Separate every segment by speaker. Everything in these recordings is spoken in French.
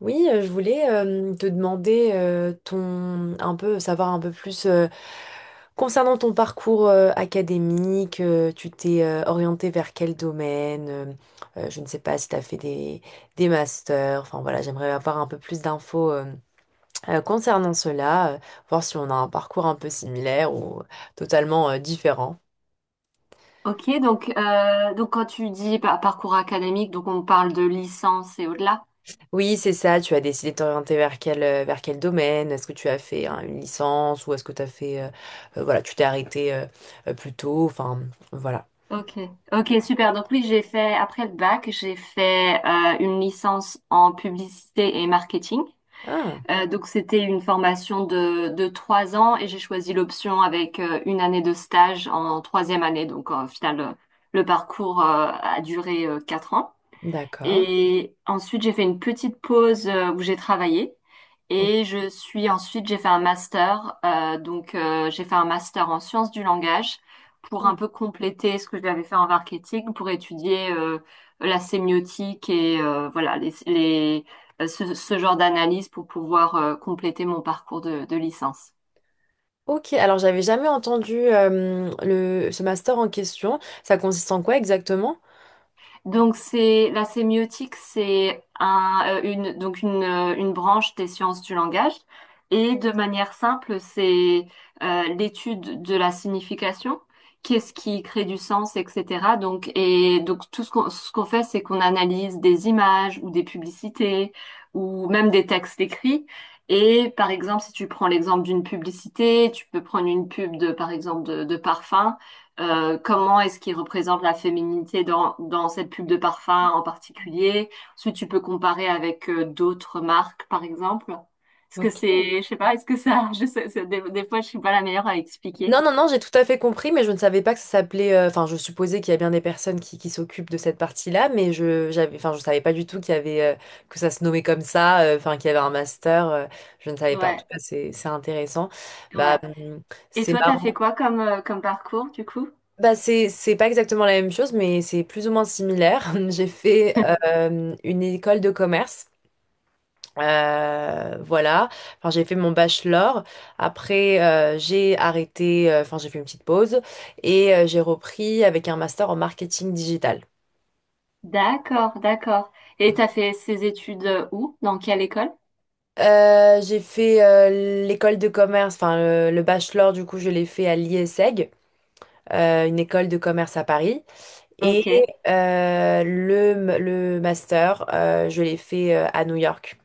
Speaker 1: Oui, je voulais te demander ton un peu savoir un peu plus concernant ton parcours académique. Tu t'es orienté vers quel domaine? Je ne sais pas si tu as des masters, enfin voilà, j'aimerais avoir un peu plus d'infos concernant cela, voir si on a un parcours un peu similaire ou totalement différent.
Speaker 2: Ok, donc quand tu dis parcours académique, donc on parle de licence et au-delà.
Speaker 1: Oui, c'est ça. Tu as décidé de t'orienter vers quel, vers quel domaine? Est-ce que tu as fait hein, une licence ou est-ce que tu as fait... voilà, tu t'es arrêté plus tôt. Enfin, voilà.
Speaker 2: Ok, ok, super. Donc oui, j'ai fait, après le bac, j'ai fait une licence en publicité et marketing.
Speaker 1: Ah,
Speaker 2: Donc c'était une formation de 3 ans et j'ai choisi l'option avec une année de stage en troisième année. Donc au final, le parcours a duré 4 ans.
Speaker 1: d'accord.
Speaker 2: Et ensuite, j'ai fait une petite pause où j'ai travaillé.
Speaker 1: O-
Speaker 2: Et je suis ensuite, j'ai fait un master. Donc, j'ai fait un master en sciences du langage pour un
Speaker 1: ah,
Speaker 2: peu compléter ce que j'avais fait en marketing, pour étudier la sémiotique et voilà ce, ce genre d'analyse pour pouvoir compléter mon parcours de licence.
Speaker 1: Ok, alors j'avais jamais entendu ce master en question. Ça consiste en quoi exactement?
Speaker 2: Donc c'est la sémiotique, c'est un, une donc une branche des sciences du langage et de manière simple, c'est l'étude de la signification, qu'est-ce qui crée du sens, etc. Donc et donc tout ce qu'on fait, c'est qu'on analyse des images ou des publicités ou même des textes écrits. Et par exemple, si tu prends l'exemple d'une publicité, tu peux prendre une pub de par exemple de parfum. Comment est-ce qu'il représente la féminité dans cette pub de parfum en particulier? Ensuite, tu peux comparer avec d'autres marques, par exemple. Est-ce que
Speaker 1: Ok.
Speaker 2: c'est, je sais pas, est-ce que ça, je sais, des fois, je suis pas la meilleure à expliquer.
Speaker 1: Non, non, non, j'ai tout à fait compris, mais je ne savais pas que ça s'appelait. Enfin, je supposais qu'il y a bien des personnes qui s'occupent de cette partie-là, j'avais, enfin, je savais pas du tout qu'il y avait que ça se nommait comme ça. Enfin, qu'il y avait un master. Je ne savais pas. En tout
Speaker 2: Ouais,
Speaker 1: cas, c'est intéressant. Bah,
Speaker 2: ouais.
Speaker 1: hum,
Speaker 2: Et
Speaker 1: c'est
Speaker 2: toi, t'as fait
Speaker 1: marrant.
Speaker 2: quoi comme, comme parcours, du coup?
Speaker 1: Bah, c'est pas exactement la même chose, mais c'est plus ou moins similaire. J'ai fait une école de commerce. Voilà. Enfin, j'ai fait mon bachelor. Après, j'ai arrêté. Enfin, j'ai fait une petite pause et j'ai repris avec un master en marketing digital.
Speaker 2: D'accord, d'accord. Et t'as fait ces études où? Dans quelle école?
Speaker 1: J'ai fait l'école de commerce. Enfin, le bachelor, du coup, je l'ai fait à l'IESEG, une école de commerce à Paris. Et
Speaker 2: Ok,
Speaker 1: le master, je l'ai fait à New York.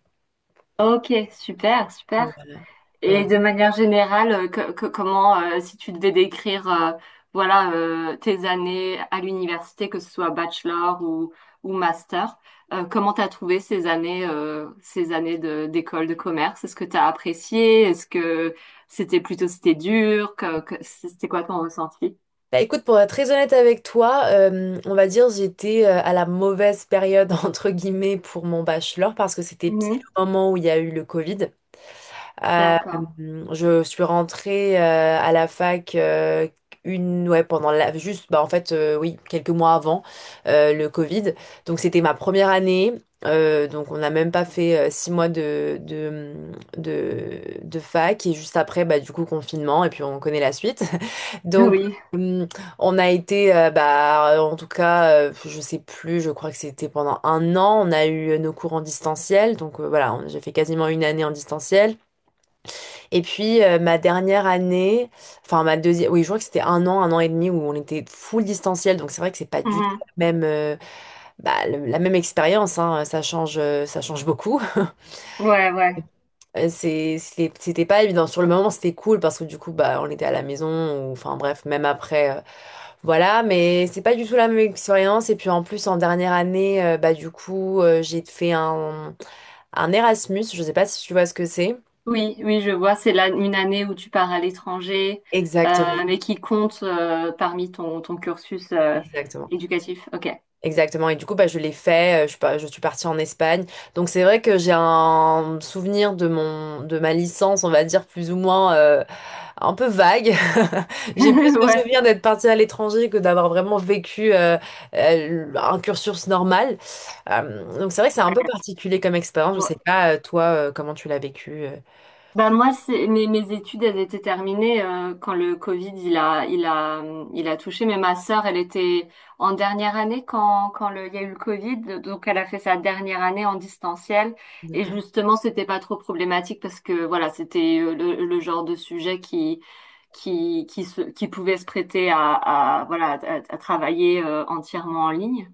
Speaker 2: ok, super, super.
Speaker 1: Voilà. Ouais.
Speaker 2: Et de manière générale, comment, si tu devais décrire, voilà, tes années à l'université, que ce soit bachelor ou master, comment t'as trouvé ces années d'école de commerce? Est-ce que t'as apprécié? Est-ce que c'était plutôt, c'était dur? C'était quoi ton ressenti?
Speaker 1: Bah écoute, pour être très honnête avec toi, on va dire j'étais à la mauvaise période entre guillemets pour mon bachelor parce que c'était pile
Speaker 2: Mhm.
Speaker 1: au moment où il y a eu le Covid. Euh,
Speaker 2: D'accord.
Speaker 1: je suis rentrée à la fac une ouais pendant la juste bah en fait oui quelques mois avant le Covid. Donc c'était ma première année. Donc on n'a même pas fait six mois de fac et juste après bah du coup confinement et puis on connaît la suite. Donc
Speaker 2: Oui.
Speaker 1: hum, on a été bah en tout cas je sais plus je crois que c'était pendant un an on a eu nos cours en distanciel donc voilà j'ai fait quasiment une année en distanciel. Et puis ma dernière année, enfin ma deuxième, oui, je crois que c'était un an et demi où on était full distanciel, donc c'est vrai que c'est pas du tout
Speaker 2: Mhm.
Speaker 1: la même, la même expérience, hein, ça change beaucoup.
Speaker 2: Ouais, ouais.
Speaker 1: C'était pas évident. Sur le moment, c'était cool parce que du coup, bah, on était à la maison, ou, enfin bref, même après, voilà, mais c'est pas du tout la même expérience. Et puis en plus, en dernière année, bah du coup, un Erasmus, je sais pas si tu vois ce que c'est.
Speaker 2: Oui, oui, je vois. C'est là une année où tu pars à l'étranger,
Speaker 1: Exactement,
Speaker 2: mais qui compte parmi ton, ton cursus
Speaker 1: exactement.
Speaker 2: éducatif. Ok.
Speaker 1: Exactement. Et du coup, bah, je l'ai fait. Je suis pas, je suis partie en Espagne. Donc, c'est vrai que j'ai un souvenir de mon, de ma licence, on va dire, plus ou moins, un peu vague. J'ai plus le
Speaker 2: Ouais.
Speaker 1: souvenir d'être partie à l'étranger que d'avoir vraiment vécu, un cursus normal. Donc, c'est vrai que c'est un peu particulier comme expérience. Je
Speaker 2: Bon,
Speaker 1: sais pas, toi, comment tu l'as vécu.
Speaker 2: ben moi, c'est, mes, mes études, elles étaient terminées quand le Covid, il a touché. Mais ma sœur, elle était en dernière année il y a eu le Covid. Donc, elle a fait sa dernière année en distanciel. Et
Speaker 1: D'accord.
Speaker 2: justement, c'était pas trop problématique parce que, voilà, c'était le genre de sujet qui se, qui pouvait se prêter à, voilà, à travailler entièrement en ligne.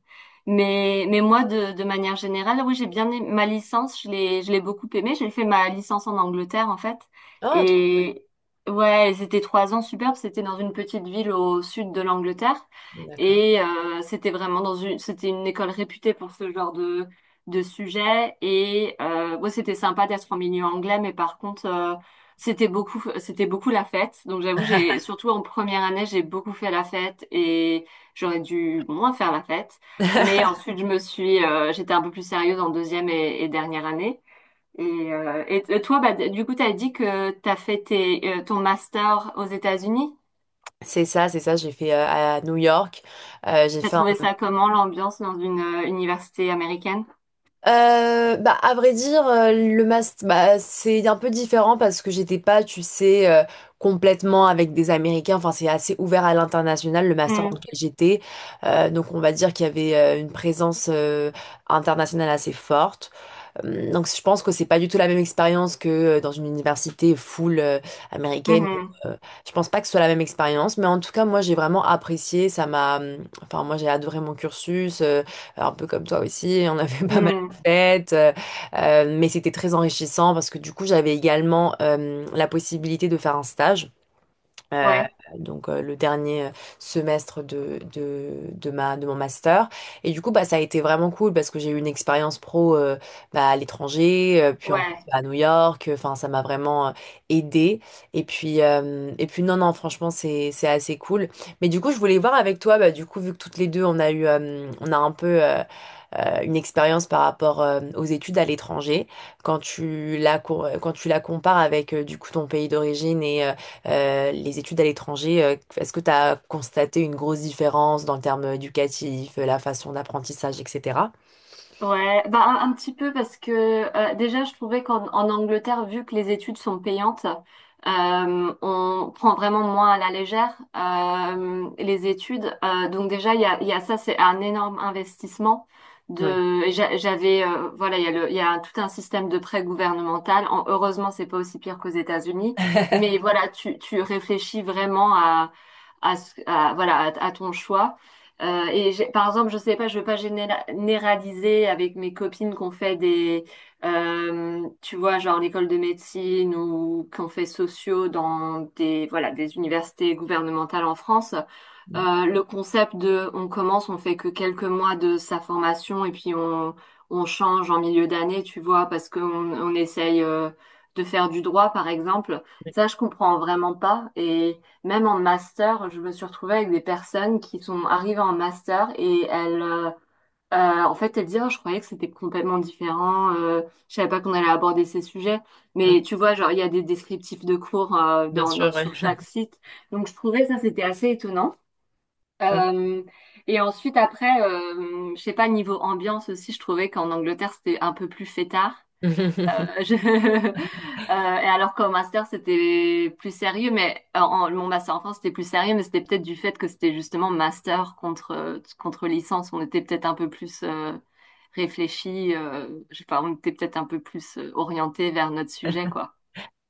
Speaker 2: Mais moi, de manière générale, oui, j'ai bien aimé ma licence, je l'ai beaucoup aimée. J'ai fait ma licence en Angleterre, en fait.
Speaker 1: Ah, toi.
Speaker 2: Et ouais, et c'était 3 ans superbes. C'était dans une petite ville au sud de l'Angleterre.
Speaker 1: D'accord.
Speaker 2: Et c'était vraiment dans une, c'était une école réputée pour ce genre de sujet. Et ouais, c'était sympa d'être en milieu anglais, mais par contre, c'était beaucoup la fête. Donc j'avoue, j'ai, surtout en première année, j'ai beaucoup fait la fête et j'aurais dû bon, moins faire la fête. Mais ensuite, j'étais un peu plus sérieuse en deuxième et dernière année. Et et toi, bah, du coup, t'as dit que t'as fait tes, ton master aux États-Unis.
Speaker 1: C'est ça, c'est ça. J'ai fait à New York. J'ai
Speaker 2: T'as
Speaker 1: fait
Speaker 2: trouvé ça comment, l'ambiance dans une université américaine?
Speaker 1: Bah, à vrai dire, le master, bah, c'est un peu différent parce que j'étais pas, tu sais, complètement avec des Américains. Enfin, c'est assez ouvert à l'international, le master
Speaker 2: Mm,
Speaker 1: dans lequel j'étais. Donc, on va dire qu'il y avait une présence internationale assez forte. Donc je pense que c'est pas du tout la même expérience que dans une université full américaine.
Speaker 2: mhm,
Speaker 1: Euh, Je pense pas que ce soit la même expérience, mais en tout cas moi j'ai vraiment apprécié. Ça m'a, enfin moi j'ai adoré mon cursus, un peu comme toi aussi. On avait pas mal de
Speaker 2: mm.
Speaker 1: fêtes, mais c'était très enrichissant parce que du coup j'avais également la possibilité de faire un stage euh,
Speaker 2: Ouais,
Speaker 1: donc le dernier semestre de ma, de mon master. Et du coup, bah, ça a été vraiment cool parce que j'ai eu une expérience pro bah, à l'étranger, puis en plus
Speaker 2: ouais.
Speaker 1: bah, à New York. Enfin, ça m'a vraiment aidé. Et puis non, non, franchement, c'est assez cool. Mais du coup, je voulais voir avec toi, bah, du coup, vu que toutes les deux, on a eu, on a un peu... une expérience par rapport aux études à l'étranger, quand tu la compares avec du coup ton pays d'origine et les études à l'étranger, est-ce que tu as constaté une grosse différence dans le terme éducatif, la façon d'apprentissage, etc.?
Speaker 2: Ouais, bah un petit peu parce que déjà je trouvais qu'en en Angleterre, vu que les études sont payantes, on prend vraiment moins à la légère les études. Donc déjà il y a ça, c'est un énorme investissement.
Speaker 1: Ouais.
Speaker 2: Et j'avais voilà, il y a le, il y a tout un système de prêt gouvernemental. En- heureusement, c'est pas aussi pire qu'aux États-Unis, mais voilà, tu réfléchis vraiment à voilà à ton choix. Par exemple, je sais pas, je veux pas généraliser avec mes copines qu'on fait des, tu vois, genre l'école de médecine ou qu'on fait sociaux dans des, voilà, des universités gouvernementales en France.
Speaker 1: Mm.
Speaker 2: Le concept de on commence, on fait que quelques mois de sa formation et puis on change en milieu d'année, tu vois, parce qu'on on essaye de faire du droit, par exemple. Ça, je comprends vraiment pas. Et même en master, je me suis retrouvée avec des personnes qui sont arrivées en master et elles, en fait, elles disent, oh, je croyais que c'était complètement différent, je savais pas qu'on allait aborder ces sujets.
Speaker 1: Ouais.
Speaker 2: Mais tu vois, genre, il y a des descriptifs de cours
Speaker 1: Bien sûr,
Speaker 2: dans,
Speaker 1: ouais.
Speaker 2: sur chaque site. Donc, je trouvais ça, c'était assez étonnant.
Speaker 1: Ok.
Speaker 2: Euh, et ensuite, après, je sais pas, niveau ambiance aussi, je trouvais qu'en Angleterre, c'était un peu plus fêtard. Euh, je- euh, et alors qu'au master, c'était plus sérieux, mon master en France, c'était plus sérieux, mais c'était peut-être du fait que c'était justement master contre, contre licence. On était peut-être un peu plus réfléchi, je sais pas, on était peut-être un peu plus orienté vers notre sujet, quoi.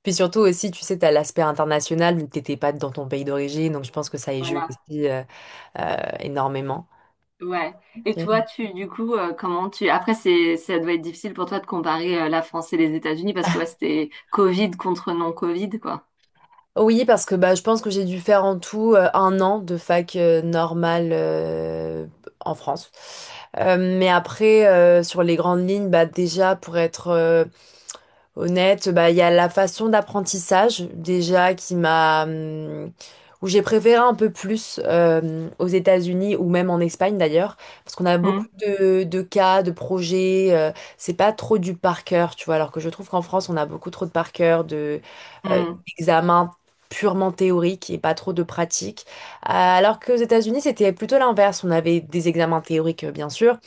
Speaker 1: Puis surtout aussi, tu sais, tu as l'aspect international, tu n'étais pas dans ton pays d'origine, donc je pense que ça y joue
Speaker 2: Voilà.
Speaker 1: aussi énormément.
Speaker 2: Ouais. Et toi, tu, du coup, comment tu... Après, c'est, ça doit être difficile pour toi de comparer la France et les États-Unis parce que ouais, c'était Covid contre non-Covid, quoi.
Speaker 1: Oui, parce que bah, je pense que j'ai dû faire en tout un an de fac normale en France. Mais après, sur les grandes lignes, bah, déjà pour être honnête, bah, il y a la façon d'apprentissage déjà qui m'a... où j'ai préféré un peu plus aux États-Unis ou même en Espagne d'ailleurs, parce qu'on a
Speaker 2: Hmm,
Speaker 1: beaucoup de cas, de projets, c'est pas trop du par cœur, tu vois, alors que je trouve qu'en France, on a beaucoup trop de par cœur, euh,
Speaker 2: hmm,
Speaker 1: d'examens purement théoriques et pas trop de pratiques, alors qu'aux États-Unis, c'était plutôt l'inverse, on avait des examens théoriques, bien sûr,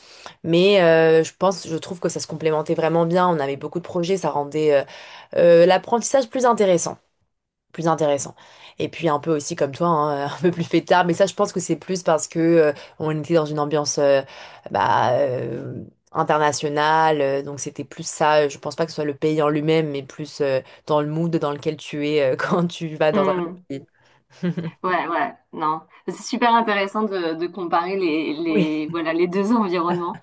Speaker 1: mais je pense, je trouve que ça se complémentait vraiment bien. On avait beaucoup de projets, ça rendait l'apprentissage plus plus intéressant. Et puis un peu aussi comme toi, hein, un peu plus fêtard. Mais ça, je pense que c'est plus parce que on était dans une ambiance bah, euh, internationale. Donc c'était plus ça. Je pense pas que ce soit le pays en lui-même, mais plus dans le mood dans lequel tu es quand tu vas dans un autre
Speaker 2: hmm.
Speaker 1: pays.
Speaker 2: Ouais, ouais, non. C'est super intéressant de comparer
Speaker 1: Oui,
Speaker 2: les, voilà, les deux environnements.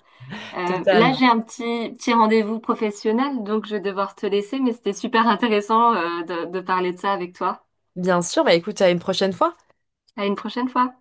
Speaker 2: Là,
Speaker 1: totalement.
Speaker 2: j'ai un petit, petit rendez-vous professionnel, donc je vais devoir te laisser, mais c'était super intéressant, de parler de ça avec toi.
Speaker 1: Bien sûr. Bah écoute, à une prochaine fois.
Speaker 2: À une prochaine fois.